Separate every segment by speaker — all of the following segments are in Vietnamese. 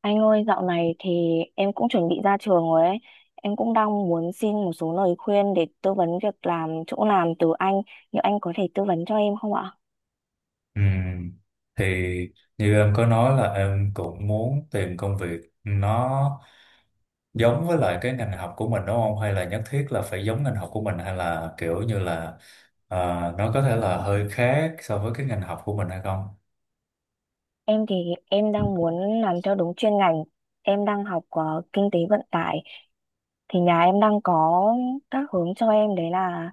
Speaker 1: Anh ơi, dạo này thì em cũng chuẩn bị ra trường rồi ấy. Em cũng đang muốn xin một số lời khuyên để tư vấn việc làm chỗ làm từ anh. Liệu anh có thể tư vấn cho em không ạ?
Speaker 2: Ừ. Thì như em có nói là em cũng muốn tìm công việc nó giống với lại cái ngành học của mình đúng không? Hay là nhất thiết là phải giống ngành học của mình hay là kiểu như là ờ, nó có thể là hơi khác so với cái ngành học của mình hay không?
Speaker 1: Em thì em đang muốn làm theo đúng chuyên ngành. Em đang học kinh tế vận tải. Thì nhà em đang có các hướng cho em, đấy là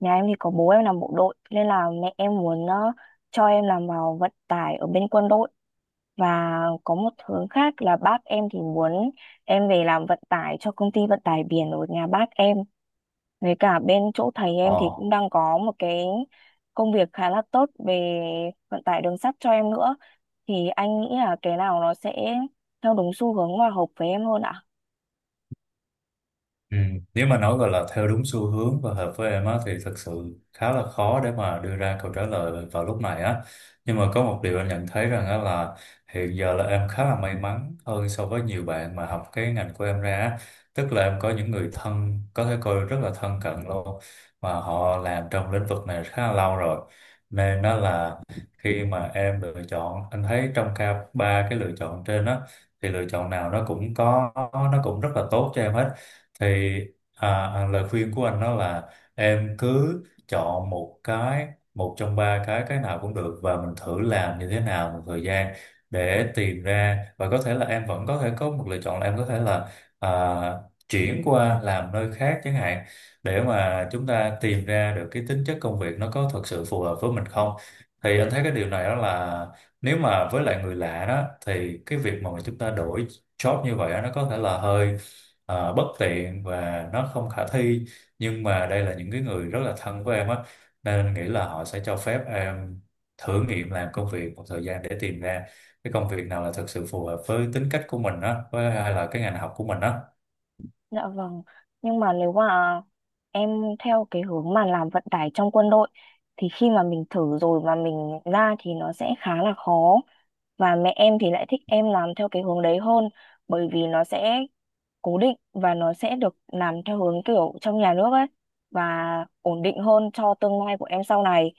Speaker 1: nhà em thì có bố em làm bộ đội nên là mẹ em muốn cho em làm vào vận tải ở bên quân đội. Và có một hướng khác là bác em thì muốn em về làm vận tải cho công ty vận tải biển ở nhà bác em. Với cả bên chỗ thầy em thì
Speaker 2: Ờ.
Speaker 1: cũng đang có một cái công việc khá là tốt về vận tải đường sắt cho em nữa. Thì anh nghĩ là cái nào nó sẽ theo đúng xu hướng và hợp với em hơn ạ?
Speaker 2: Ừ. Nếu mà nói gọi là theo đúng xu hướng và hợp với em á, thì thật sự khá là khó để mà đưa ra câu trả lời vào lúc này á. Nhưng mà có một điều anh nhận thấy rằng á, là hiện giờ là em khá là may mắn hơn so với nhiều bạn mà học cái ngành của em ra á. Tức là em có những người thân có thể coi rất là thân cận luôn, mà họ làm trong lĩnh vực này khá là lâu rồi. Nên đó là khi mà em lựa chọn, anh thấy trong cả ba cái lựa chọn trên á, thì lựa chọn nào nó cũng rất là tốt cho em hết. Thì à, lời khuyên của anh đó là em cứ chọn một cái, một trong ba cái nào cũng được, và mình thử làm như thế nào một thời gian để tìm ra, và có thể là em vẫn có thể có một lựa chọn là em có thể là à, chuyển qua làm nơi khác chẳng hạn, để mà chúng ta tìm ra được cái tính chất công việc nó có thật sự phù hợp với mình không. Thì anh thấy cái điều này, đó là nếu mà với lại người lạ đó, thì cái việc mà chúng ta đổi job như vậy á, nó có thể là hơi bất tiện và nó không khả thi. Nhưng mà đây là những cái người rất là thân với em á, nên nghĩ là họ sẽ cho phép em thử nghiệm làm công việc một thời gian để tìm ra cái công việc nào là thực sự phù hợp với tính cách của mình á, với hay là cái ngành học của mình á.
Speaker 1: Dạ vâng. Nhưng mà nếu mà em theo cái hướng mà làm vận tải trong quân đội thì khi mà mình thử rồi mà mình ra thì nó sẽ khá là khó. Và mẹ em thì lại thích em làm theo cái hướng đấy hơn bởi vì nó sẽ cố định và nó sẽ được làm theo hướng kiểu trong nhà nước ấy, và ổn định hơn cho tương lai của em sau này.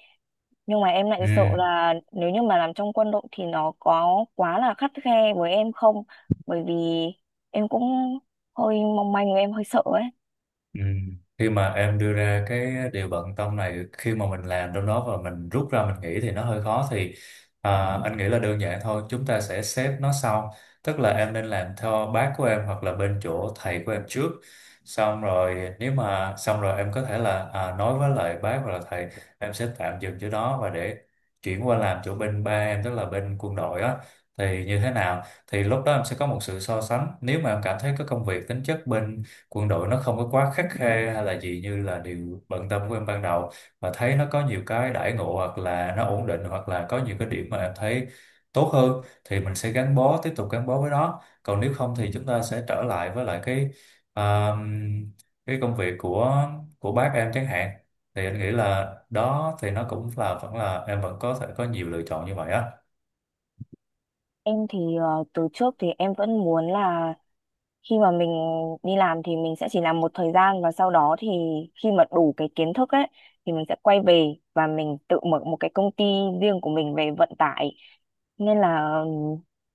Speaker 1: Nhưng mà em lại sợ
Speaker 2: Ừ.
Speaker 1: là nếu như mà làm trong quân đội thì nó có quá là khắt khe với em không, bởi vì em cũng hơi mong manh, em hơi sợ ấy.
Speaker 2: Ừ. Khi mà em đưa ra cái điều bận tâm này, khi mà mình làm trong đó và mình rút ra mình nghĩ thì nó hơi khó, thì anh nghĩ là đơn giản thôi, chúng ta sẽ xếp nó sau. Tức là em nên làm theo bác của em hoặc là bên chỗ thầy của em trước, xong rồi nếu mà xong rồi em có thể là nói với lại bác hoặc là thầy em sẽ tạm dừng chỗ đó, và để chuyển qua làm chỗ bên ba em, tức là bên quân đội á. Thì như thế nào thì lúc đó em sẽ có một sự so sánh. Nếu mà em cảm thấy cái công việc tính chất bên quân đội nó không có quá khắt khe hay là gì như là điều bận tâm của em ban đầu, mà thấy nó có nhiều cái đãi ngộ hoặc là nó ổn định, hoặc là có nhiều cái điểm mà em thấy tốt hơn, thì mình sẽ gắn bó, tiếp tục gắn bó với nó. Còn nếu không thì chúng ta sẽ trở lại với lại cái à, cái công việc của bác em chẳng hạn. Thì anh nghĩ là đó, thì nó cũng là vẫn là em vẫn có thể có nhiều lựa chọn như vậy á.
Speaker 1: Em thì từ trước thì em vẫn muốn là khi mà mình đi làm thì mình sẽ chỉ làm một thời gian, và sau đó thì khi mà đủ cái kiến thức ấy thì mình sẽ quay về và mình tự mở một cái công ty riêng của mình về vận tải. Nên là,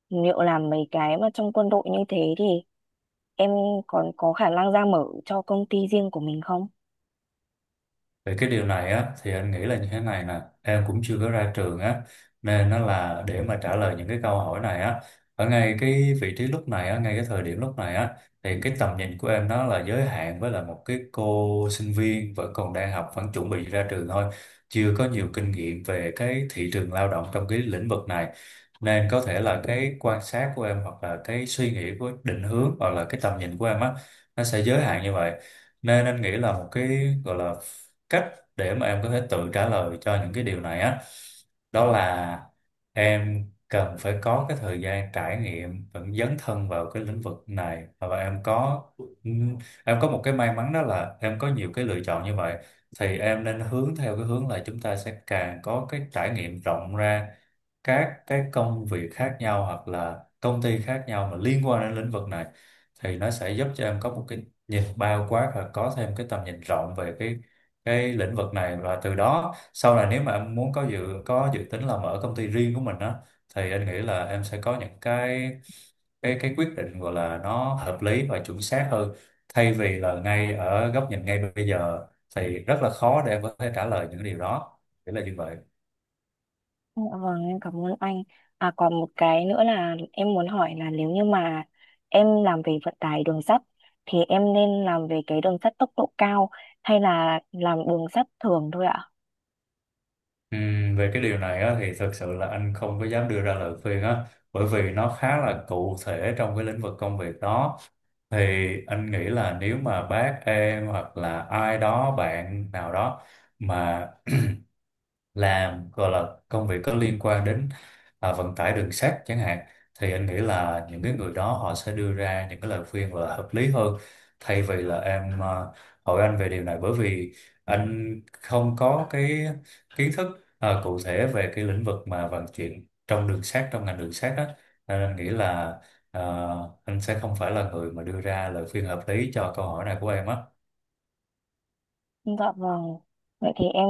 Speaker 1: liệu làm mấy cái mà trong quân đội như thế thì em còn có khả năng ra mở cho công ty riêng của mình không?
Speaker 2: Về cái điều này á, thì anh nghĩ là như thế này nè, em cũng chưa có ra trường á, nên nó là để mà trả lời những cái câu hỏi này á, ở ngay cái vị trí lúc này á, ngay cái thời điểm lúc này á, thì cái tầm nhìn của em nó là giới hạn, với là một cái cô sinh viên vẫn còn đang học, vẫn chuẩn bị ra trường thôi, chưa có nhiều kinh nghiệm về cái thị trường lao động trong cái lĩnh vực này. Nên có thể là cái quan sát của em, hoặc là cái suy nghĩ của định hướng, hoặc là cái tầm nhìn của em á, nó sẽ giới hạn như vậy. Nên anh nghĩ là một cái gọi là cách để mà em có thể tự trả lời cho những cái điều này á, đó là em cần phải có cái thời gian trải nghiệm và dấn thân vào cái lĩnh vực này, và ừm, em có một cái may mắn, đó là em có nhiều cái lựa chọn như vậy. Thì em nên hướng theo cái hướng là chúng ta sẽ càng có cái trải nghiệm rộng ra các cái công việc khác nhau hoặc là công ty khác nhau mà liên quan đến lĩnh vực này, thì nó sẽ giúp cho em có một cái nhìn bao quát và có thêm cái tầm nhìn rộng về cái lĩnh vực này. Và từ đó sau này, nếu mà em muốn có dự tính là mở công ty riêng của mình á, thì anh nghĩ là em sẽ có những cái quyết định gọi là nó hợp lý và chuẩn xác hơn, thay vì là ngay ở góc nhìn ngay bây giờ thì rất là khó để em có thể trả lời những điều đó, nghĩa là như vậy.
Speaker 1: Dạ vâng, em cảm ơn anh. À, còn một cái nữa là em muốn hỏi là nếu như mà em làm về vận tải đường sắt thì em nên làm về cái đường sắt tốc độ cao hay là làm đường sắt thường thôi ạ?
Speaker 2: Về cái điều này á, thì thực sự là anh không có dám đưa ra lời khuyên á, bởi vì nó khá là cụ thể trong cái lĩnh vực công việc đó. Thì anh nghĩ là nếu mà bác em hoặc là ai đó, bạn nào đó mà làm gọi là công việc có liên quan đến vận tải đường sắt chẳng hạn, thì anh nghĩ là những cái người đó họ sẽ đưa ra những cái lời khuyên là hợp lý hơn, thay vì là em hỏi anh về điều này, bởi vì anh không có cái kiến thức cụ thể về cái lĩnh vực mà vận chuyển trong đường sắt, trong ngành đường sắt đó. Nên anh nghĩ là à, anh sẽ không phải là người mà đưa ra lời khuyên hợp lý cho câu hỏi này của em á.
Speaker 1: Dạ vâng. Vậy thì em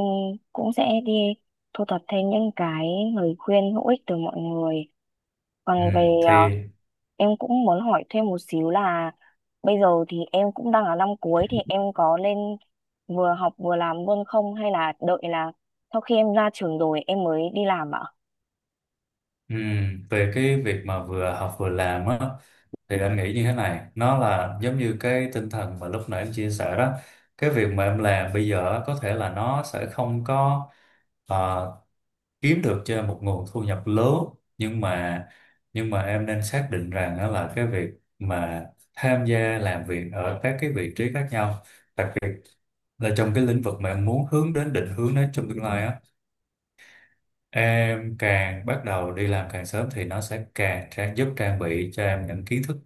Speaker 1: cũng sẽ đi thu thập thêm những cái lời khuyên hữu ích từ mọi người.
Speaker 2: Ừ,
Speaker 1: Còn về
Speaker 2: thì.
Speaker 1: ờ, em cũng muốn hỏi thêm một xíu là bây giờ thì em cũng đang ở năm cuối, thì em có lên vừa học vừa làm luôn không, hay là đợi là sau khi em ra trường rồi em mới đi làm ạ?
Speaker 2: Ừ, về cái việc mà vừa học vừa làm á, thì anh nghĩ như thế này, nó là giống như cái tinh thần mà lúc nãy em chia sẻ đó. Cái việc mà em làm bây giờ á, có thể là nó sẽ không có ờ, kiếm được cho em một nguồn thu nhập lớn, nhưng mà nhưng mà em nên xác định rằng đó là cái việc mà tham gia làm việc ở các cái vị trí khác nhau, đặc biệt là trong cái lĩnh vực mà em muốn hướng đến định hướng đến trong tương lai á. Em càng bắt đầu đi làm càng sớm thì nó sẽ càng giúp trang bị cho em những kiến thức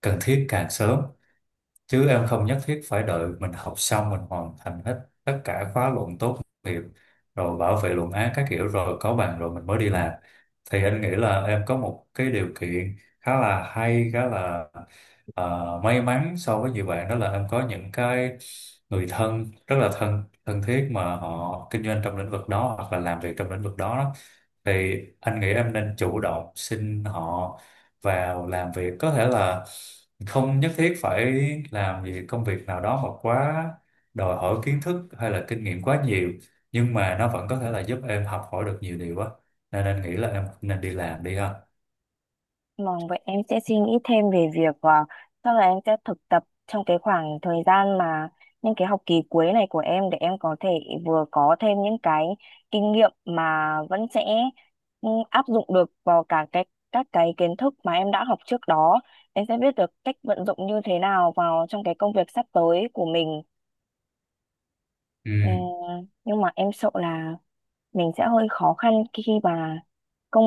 Speaker 2: cần thiết càng sớm. Chứ em không nhất thiết phải đợi mình học xong, mình hoàn thành hết tất cả khóa luận tốt nghiệp rồi bảo vệ luận án các kiểu rồi có bằng rồi mình mới đi làm. Thì anh nghĩ là em có một cái điều kiện khá là hay, khá là may mắn so với nhiều bạn, đó là em có những cái người thân rất là thân thân thiết, mà họ kinh doanh trong lĩnh vực đó hoặc là làm việc trong lĩnh vực đó. Thì anh nghĩ em nên chủ động xin họ vào làm việc, có thể là không nhất thiết phải làm gì, công việc nào đó mà quá đòi hỏi kiến thức hay là kinh nghiệm quá nhiều, nhưng mà nó vẫn có thể là giúp em học hỏi được nhiều điều á. Nên anh nghĩ là em nên đi làm đi ha.
Speaker 1: Vâng, vậy em sẽ suy nghĩ thêm về việc chắc là em sẽ thực tập trong cái khoảng thời gian mà những cái học kỳ cuối này của em, để em có thể vừa có thêm những cái kinh nghiệm mà vẫn sẽ áp dụng được vào cả các cái kiến thức mà em đã học trước đó. Em sẽ biết được cách vận dụng như thế nào vào trong cái công việc sắp tới của mình.
Speaker 2: Ừ.
Speaker 1: Ừ, nhưng mà em sợ là mình sẽ hơi khó khăn khi khi mà công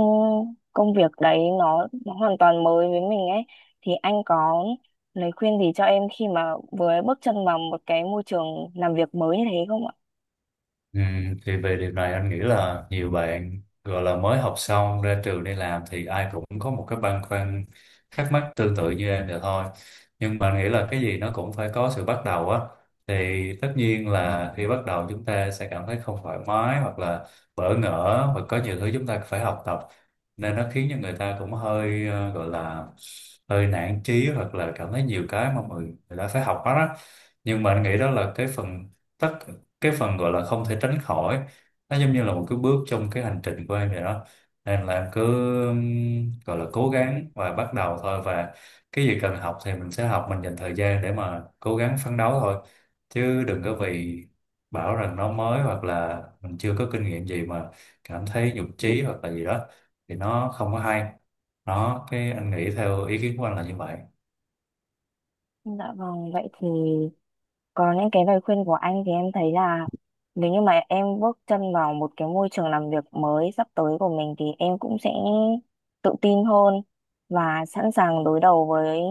Speaker 1: công việc đấy nó hoàn toàn mới với mình ấy, thì anh có lời khuyên gì cho em khi mà vừa bước chân vào một cái môi trường làm việc mới như thế không ạ?
Speaker 2: Ừ, thì về điều này anh nghĩ là nhiều bạn gọi là mới học xong ra trường đi làm thì ai cũng có một cái băn khoăn, thắc mắc tương tự như em vậy thôi. Nhưng mà anh nghĩ là cái gì nó cũng phải có sự bắt đầu á, thì tất nhiên là khi bắt đầu chúng ta sẽ cảm thấy không thoải mái, hoặc là bỡ ngỡ và có nhiều thứ chúng ta phải học tập, nên nó khiến cho người ta cũng hơi gọi là hơi nản chí, hoặc là cảm thấy nhiều cái mà người ta phải học hết á. Nhưng mà anh nghĩ đó là tất cái phần gọi là không thể tránh khỏi, nó giống như là một cái bước trong cái hành trình của em vậy đó. Nên là em cứ gọi là cố gắng và bắt đầu thôi, và cái gì cần học thì mình sẽ học, mình dành thời gian để mà cố gắng phấn đấu thôi, chứ đừng có vì bảo rằng nó mới hoặc là mình chưa có kinh nghiệm gì mà cảm thấy nhụt chí hoặc là gì đó, thì nó không có hay. Đó, cái anh nghĩ theo ý kiến của anh là như vậy.
Speaker 1: Dạ vâng, vậy thì. Còn những cái lời khuyên của anh thì em thấy là nếu như mà em bước chân vào một cái môi trường làm việc mới sắp tới của mình thì em cũng sẽ tự tin hơn và sẵn sàng đối đầu với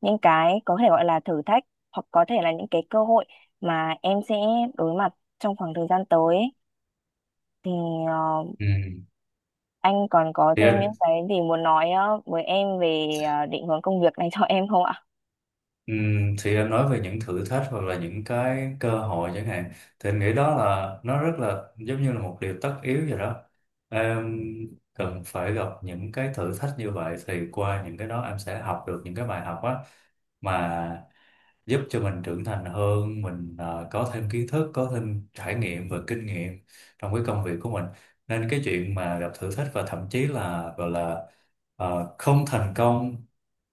Speaker 1: những cái có thể gọi là thử thách, hoặc có thể là những cái cơ hội mà em sẽ đối mặt trong khoảng thời gian tới ấy. Thì ờ,
Speaker 2: Ừ.
Speaker 1: anh còn có
Speaker 2: thì
Speaker 1: thêm những
Speaker 2: anh
Speaker 1: cái gì muốn nói với em về định hướng công việc này cho em không ạ?
Speaker 2: Ừ, thì anh nói về những thử thách hoặc là những cái cơ hội chẳng hạn, thì anh nghĩ đó là nó rất là giống như là một điều tất yếu vậy đó. Em cần phải gặp những cái thử thách như vậy, thì qua những cái đó em sẽ học được những cái bài học á, mà giúp cho mình trưởng thành hơn, mình có thêm kiến thức, có thêm trải nghiệm và kinh nghiệm trong cái công việc của mình. Nên cái chuyện mà gặp thử thách và thậm chí là gọi là không thành công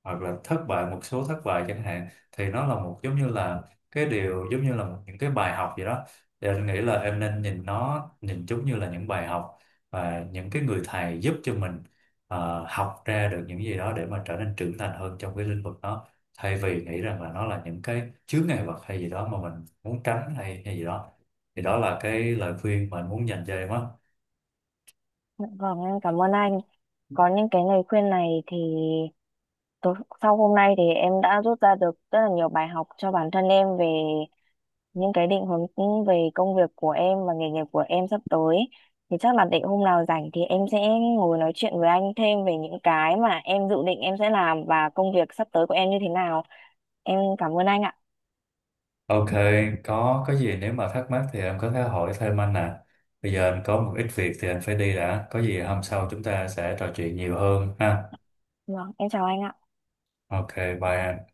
Speaker 2: hoặc là thất bại một số thất bại chẳng hạn, thì nó là giống như là cái điều, giống như là những cái bài học gì đó. Thì anh nghĩ là em nên nhìn chúng như là những bài học, và những cái người thầy giúp cho mình học ra được những gì đó để mà trở nên trưởng thành hơn trong cái lĩnh vực đó, thay vì nghĩ rằng là nó là những cái chướng ngại vật hay gì đó mà mình muốn tránh, hay hay gì đó. Thì đó là cái lời khuyên mà anh muốn dành cho em á.
Speaker 1: Vâng, em cảm ơn anh. Có những cái lời khuyên này thì Tối, sau hôm nay thì em đã rút ra được rất là nhiều bài học cho bản thân em về những cái định hướng về công việc của em và nghề nghiệp của em sắp tới. Thì chắc là để hôm nào rảnh thì em sẽ ngồi nói chuyện với anh thêm về những cái mà em dự định em sẽ làm và công việc sắp tới của em như thế nào. Em cảm ơn anh ạ.
Speaker 2: Ok, có gì nếu mà thắc mắc thì em có thể hỏi thêm anh nè. Bây giờ anh có một ít việc thì anh phải đi đã. Có gì hôm sau chúng ta sẽ trò chuyện nhiều hơn ha.
Speaker 1: Vâng, em chào anh ạ.
Speaker 2: Ok, bye anh.